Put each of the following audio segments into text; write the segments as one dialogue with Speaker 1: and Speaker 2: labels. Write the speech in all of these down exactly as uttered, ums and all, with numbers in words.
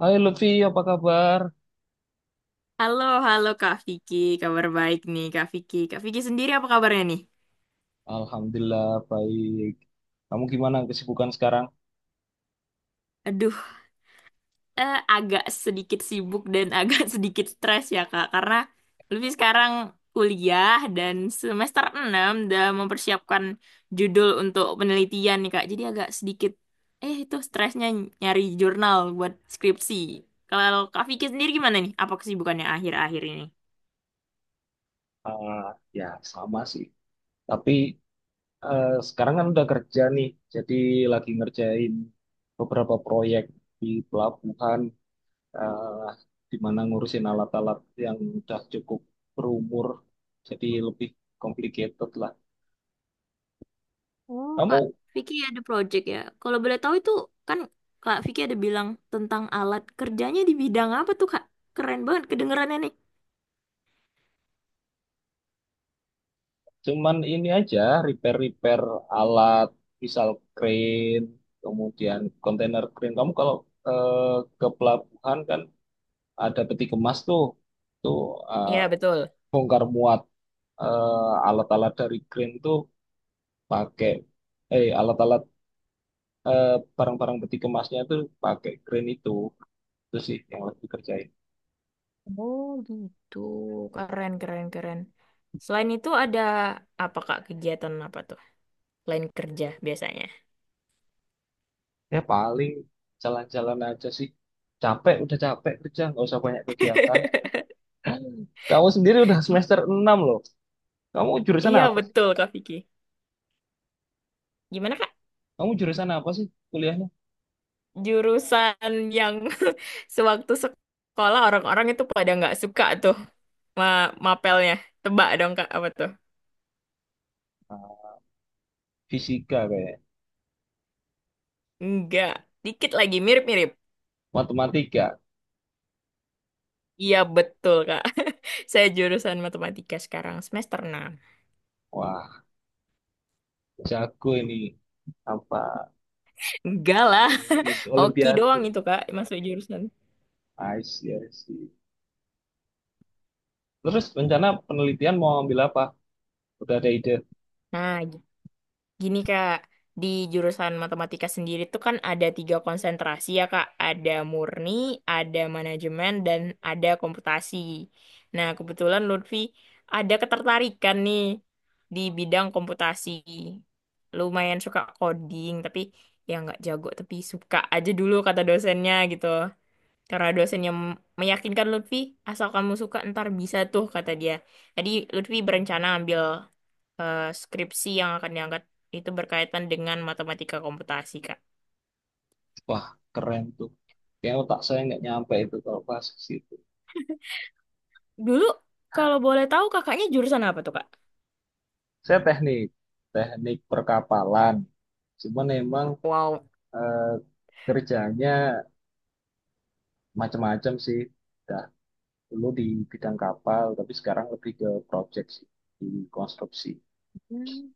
Speaker 1: Hai Lutfi, apa kabar?
Speaker 2: Halo, halo Kak Vicky. Kabar baik nih Kak Vicky. Kak Vicky sendiri apa kabarnya nih?
Speaker 1: Alhamdulillah baik. Kamu gimana kesibukan sekarang?
Speaker 2: Aduh, eh, agak sedikit sibuk dan agak sedikit stres ya Kak. Karena lebih sekarang kuliah dan semester enam udah mempersiapkan judul untuk penelitian nih Kak. Jadi agak sedikit, eh itu stresnya nyari jurnal buat skripsi. Kalau Kak Vicky sendiri gimana nih? Apa kesibukannya akhir-akhir ini?
Speaker 1: Ah, ya sama sih. Tapi eh, sekarang kan udah kerja nih, jadi lagi ngerjain beberapa proyek di pelabuhan, eh di mana ngurusin alat-alat yang udah cukup berumur, jadi lebih complicated lah.
Speaker 2: Oh, Kak
Speaker 1: Kamu
Speaker 2: Vicky ada project ya. Kalau boleh tahu itu kan Kak Vicky ada bilang tentang alat kerjanya di bidang apa tuh, Kak? Keren banget kedengerannya nih.
Speaker 1: Cuman ini aja, repair-repair alat, misal crane, kemudian kontainer crane. Kamu kalau eh, ke pelabuhan kan ada peti kemas tuh, tuh eh,
Speaker 2: Iya, betul.
Speaker 1: bongkar muat eh, alat-alat dari crane tuh pakai, eh alat-alat eh, barang-barang peti kemasnya tuh pakai crane itu. Itu sih yang lagi kerjain.
Speaker 2: Oh, gitu. Keren, keren, keren. Selain itu ada apa, Kak, kegiatan apa tuh? Selain kerja biasanya.
Speaker 1: Ya paling jalan-jalan aja sih. Capek, udah capek kerja, nggak usah banyak kegiatan. Kamu sendiri udah semester enam loh. Kamu jurusan
Speaker 2: Iya,
Speaker 1: apa sih?
Speaker 2: betul, Kak Vicky. Gimana, Kak?
Speaker 1: Kamu jurusan apa sih kuliahnya?
Speaker 2: Jurusan yang sewaktu sekolah orang-orang itu pada nggak suka tuh ma mapelnya. Tebak dong, Kak, apa tuh?
Speaker 1: Ah, Fisika kayak
Speaker 2: Enggak, dikit lagi mirip-mirip.
Speaker 1: matematika.
Speaker 2: Iya betul Kak. Saya jurusan matematika sekarang semester enam.
Speaker 1: Wah, jago ini apa?
Speaker 2: Enggak lah,
Speaker 1: Jagoan ini
Speaker 2: hoki
Speaker 1: Olimpiade.
Speaker 2: doang itu Kak masuk jurusan.
Speaker 1: I see, I see. Terus rencana penelitian mau ambil apa? Udah ada ide?
Speaker 2: Nah, gitu. Gini Kak, di jurusan matematika sendiri tuh kan ada tiga konsentrasi ya Kak. Ada murni, ada manajemen, dan ada komputasi. Nah, kebetulan Lutfi ada ketertarikan nih di bidang komputasi. Lumayan suka coding, tapi ya nggak jago, tapi suka aja dulu kata dosennya gitu. Karena dosennya meyakinkan Lutfi, asal kamu suka ntar bisa tuh kata dia. Tadi Lutfi berencana ambil eh, skripsi yang akan diangkat itu berkaitan dengan matematika komputasi, Kak.
Speaker 1: Wah, keren tuh. Kayaknya otak saya nggak nyampe itu kalau pas ke situ.
Speaker 2: Dulu, kalau boleh tahu kakaknya jurusan apa tuh, Kak?
Speaker 1: Saya teknik, teknik perkapalan. Cuman emang
Speaker 2: Wow.
Speaker 1: eh, kerjanya macam-macam sih. Ada dulu di bidang kapal, tapi sekarang lebih ke project sih, di konstruksi.
Speaker 2: Hmm,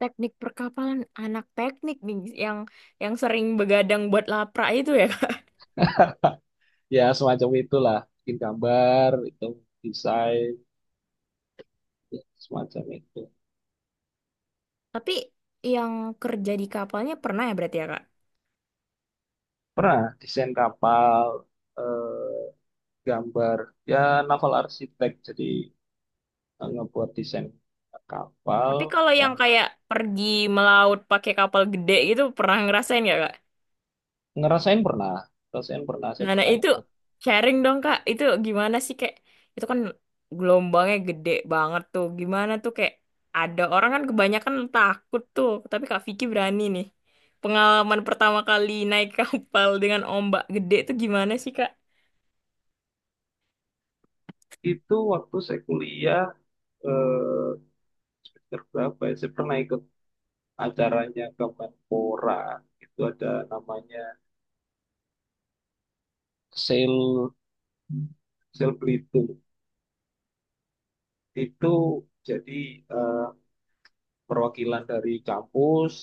Speaker 2: teknik perkapalan anak teknik nih yang yang sering begadang buat lapra itu ya, Kak.
Speaker 1: Ya, semacam itulah. Bikin gambar, itu desain, ya, semacam itu.
Speaker 2: Tapi yang kerja di kapalnya pernah ya berarti ya, Kak?
Speaker 1: Pernah desain kapal, eh, gambar, ya naval arsitek, jadi eh, ngebuat desain kapal.
Speaker 2: Tapi kalau yang
Speaker 1: Kem-
Speaker 2: kayak pergi melaut pakai kapal gede gitu pernah ngerasain nggak, Kak?
Speaker 1: Ngerasain pernah, ngerasain pernah, saya
Speaker 2: Nah, nah
Speaker 1: pernah
Speaker 2: itu
Speaker 1: ikut.
Speaker 2: sharing dong Kak. Itu gimana sih kayak itu kan gelombangnya gede banget tuh. Gimana tuh kayak ada orang kan kebanyakan takut tuh, tapi Kak Vicky berani nih. Pengalaman pertama kali naik kapal dengan ombak gede itu gimana sih Kak?
Speaker 1: Itu waktu saya kuliah, eh, semester berapa ya, saya pernah ikut acaranya Kemenpora, itu ada namanya Sel Sel Belitung itu jadi eh, perwakilan dari kampus,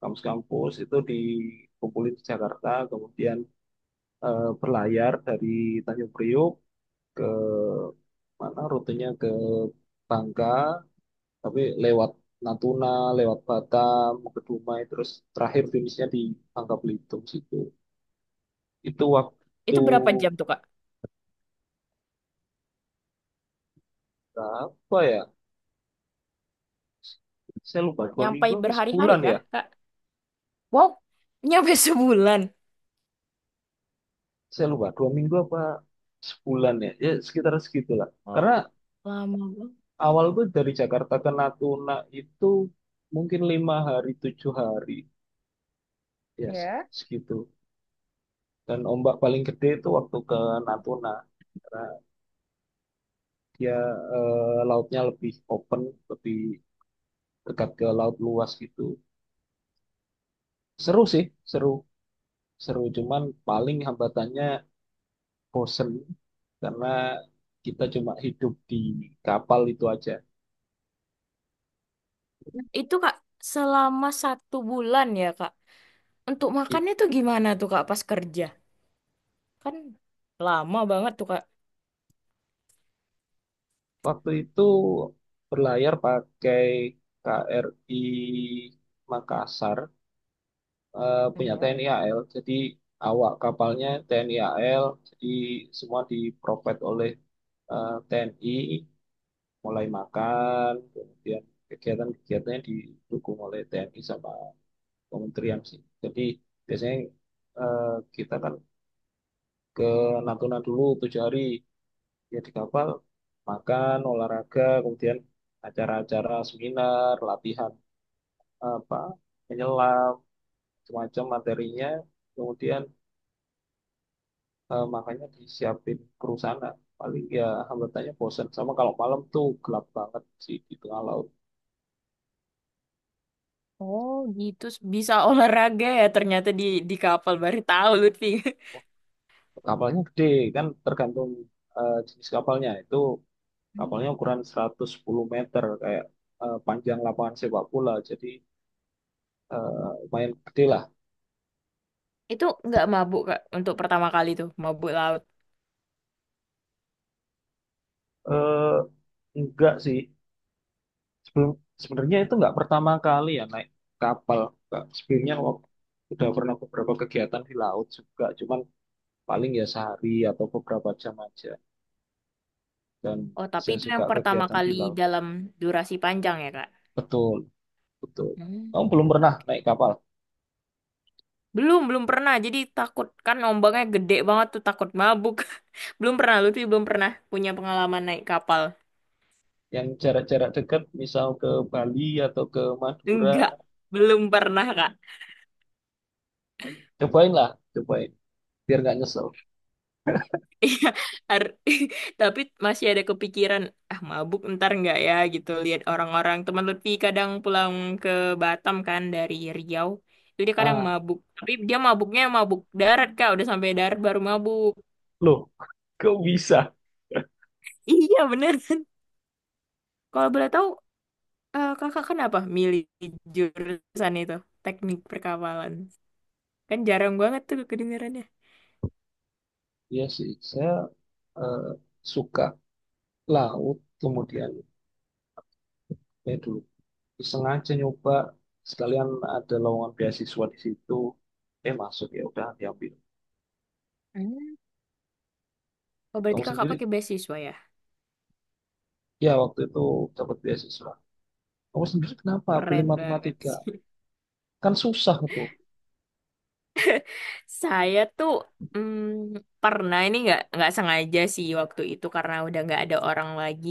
Speaker 1: kampus-kampus itu dikumpulin di Jakarta, kemudian eh, berlayar dari Tanjung Priok ke mana rutenya ke Bangka, tapi lewat Natuna, lewat Batam, ke Dumai, terus terakhir finishnya di Bangka Belitung situ. Itu waktu
Speaker 2: Itu berapa jam tuh Kak?
Speaker 1: berapa ya? Saya lupa dua
Speaker 2: Nyampai
Speaker 1: minggu apa
Speaker 2: berhari-hari
Speaker 1: sebulan
Speaker 2: kah
Speaker 1: ya?
Speaker 2: Kak? Wow, nyampe sebulan.
Speaker 1: Saya lupa dua minggu apa sebulan ya, ya sekitar segitulah, karena
Speaker 2: Wow, lama banget.
Speaker 1: awal gue dari Jakarta ke Natuna itu mungkin lima hari tujuh hari ya se-
Speaker 2: Ya.
Speaker 1: segitu, dan ombak paling gede itu waktu ke Natuna, karena dia eh, lautnya lebih open, lebih dekat ke laut luas gitu. Seru sih, seru, seru, cuman paling hambatannya bosen karena kita cuma hidup di kapal itu aja.
Speaker 2: Nah, itu Kak selama satu bulan ya Kak. Untuk makannya tuh gimana tuh Kak pas kerja? Kan lama banget tuh, Kak.
Speaker 1: Waktu itu berlayar pakai K R I Makassar, eh, punya
Speaker 2: Ya.
Speaker 1: T N I A L. Jadi awak kapalnya T N I A L, jadi semua diprovide oleh eh, T N I, mulai makan, kemudian kegiatan-kegiatannya didukung oleh T N I sama kementerian sih. Jadi biasanya eh, kita kan ke Natuna dulu tujuh hari. Ya di kapal makan olahraga kemudian acara-acara seminar latihan apa menyelam semacam materinya, kemudian eh, makanya disiapin kru sana. Paling ya hambatannya bosen sama kalau malam tuh gelap banget sih di tengah laut.
Speaker 2: Oh, gitu. Bisa olahraga ya ternyata di di kapal. Baru tahu Lutfi.
Speaker 1: Oh, kapalnya gede kan tergantung eh, jenis kapalnya itu.
Speaker 2: Hmm.
Speaker 1: Kapalnya ukuran seratus sepuluh meter kayak eh, panjang lapangan sepak bola, jadi eh, lumayan gede lah.
Speaker 2: Itu nggak mabuk, Kak, untuk pertama kali tuh, mabuk laut.
Speaker 1: Eh, enggak sih. Sebelum Sebenarnya itu nggak pertama kali ya naik kapal. Nggak, sebelumnya wak- udah pernah beberapa kegiatan di laut juga, cuman paling ya sehari atau beberapa jam aja. Dan
Speaker 2: Oh, tapi
Speaker 1: saya
Speaker 2: itu
Speaker 1: suka
Speaker 2: yang pertama
Speaker 1: kegiatan di
Speaker 2: kali
Speaker 1: laut.
Speaker 2: dalam durasi panjang ya, Kak?
Speaker 1: Betul, betul.
Speaker 2: Hmm.
Speaker 1: Kamu belum pernah naik kapal?
Speaker 2: Belum, belum pernah. Jadi takut kan ombaknya gede banget tuh, takut mabuk. Belum pernah, Lutfi belum pernah punya pengalaman naik kapal.
Speaker 1: Yang jarak-jarak dekat, misal ke Bali atau ke Madura,
Speaker 2: Enggak, belum pernah, Kak.
Speaker 1: cobain lah, cobain. Biar nggak nyesel.
Speaker 2: Iya, har- tapi masih ada kepikiran, ah mabuk ntar nggak ya gitu. Lihat orang-orang teman Lutfi kadang pulang ke Batam kan dari Riau, itu dia kadang
Speaker 1: Ah,
Speaker 2: mabuk. Tapi dia mabuknya mabuk darat kak, udah sampai darat baru mabuk.
Speaker 1: loh, kok bisa?
Speaker 2: Iya bener. Kalau boleh tahu, eh, kakak kenapa milih jurusan itu, teknik perkapalan? Kan jarang banget tuh kedengarannya.
Speaker 1: Iya sih, saya eh, suka laut, kemudian eh, dulu sengaja nyoba sekalian ada lowongan beasiswa di situ, eh masuk ya udah diambil.
Speaker 2: Hmm. Oh berarti
Speaker 1: Kamu
Speaker 2: kakak
Speaker 1: sendiri
Speaker 2: pakai beasiswa ya?
Speaker 1: ya waktu itu dapat beasiswa, kamu sendiri kenapa pilih
Speaker 2: Keren banget.
Speaker 1: matematika, kan susah itu.
Speaker 2: Saya tuh mm, pernah ini nggak nggak sengaja sih waktu itu karena udah nggak ada orang lagi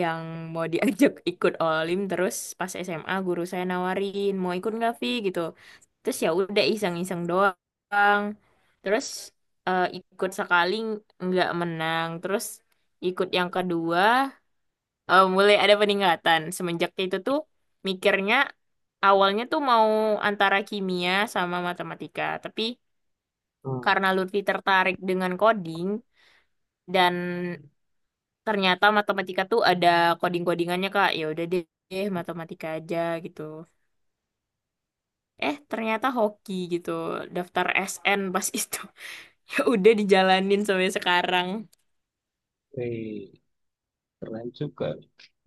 Speaker 2: yang mau diajak ikut olim terus pas S M A guru saya nawarin mau ikut nggak Vi gitu terus ya udah iseng-iseng doang terus eh, ikut sekali nggak menang terus ikut yang kedua eh, mulai ada peningkatan semenjak itu tuh mikirnya awalnya tuh mau antara kimia sama matematika tapi
Speaker 1: Hmm.
Speaker 2: karena Lutfi tertarik dengan coding dan ternyata matematika tuh ada coding-codingannya Kak. Ya udah deh, eh, matematika aja gitu. Eh, ternyata hoki gitu. Daftar S N pas itu. Ya udah dijalanin sampai sekarang.
Speaker 1: Oke, keren juga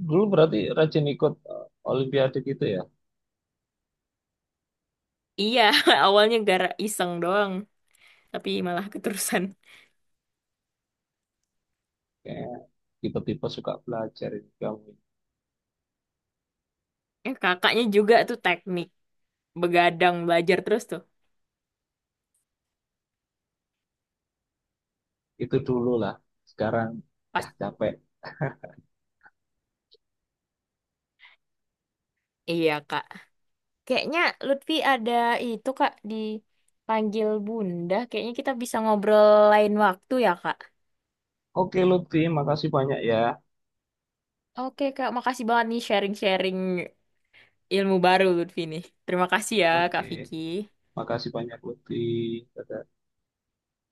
Speaker 1: dulu berarti rajin ikut eh, olimpiade gitu ya.
Speaker 2: Iya, awalnya gara iseng doang, tapi malah keterusan.
Speaker 1: Kayak tipe-tipe suka belajar ini kamu.
Speaker 2: Eh, kakaknya juga tuh teknik begadang belajar terus tuh.
Speaker 1: Itu dulu lah, sekarang
Speaker 2: Pas
Speaker 1: dah capek.
Speaker 2: iya, Kak. Kayaknya Lutfi ada itu Kak dipanggil Bunda. Kayaknya kita bisa ngobrol lain waktu ya Kak.
Speaker 1: Oke Lutfi, makasih banyak ya.
Speaker 2: Oke Kak, makasih banget nih sharing-sharing ilmu baru Lutfi nih. Terima kasih ya Kak
Speaker 1: Oke,
Speaker 2: Vicky.
Speaker 1: makasih banyak Lutfi. Dadah.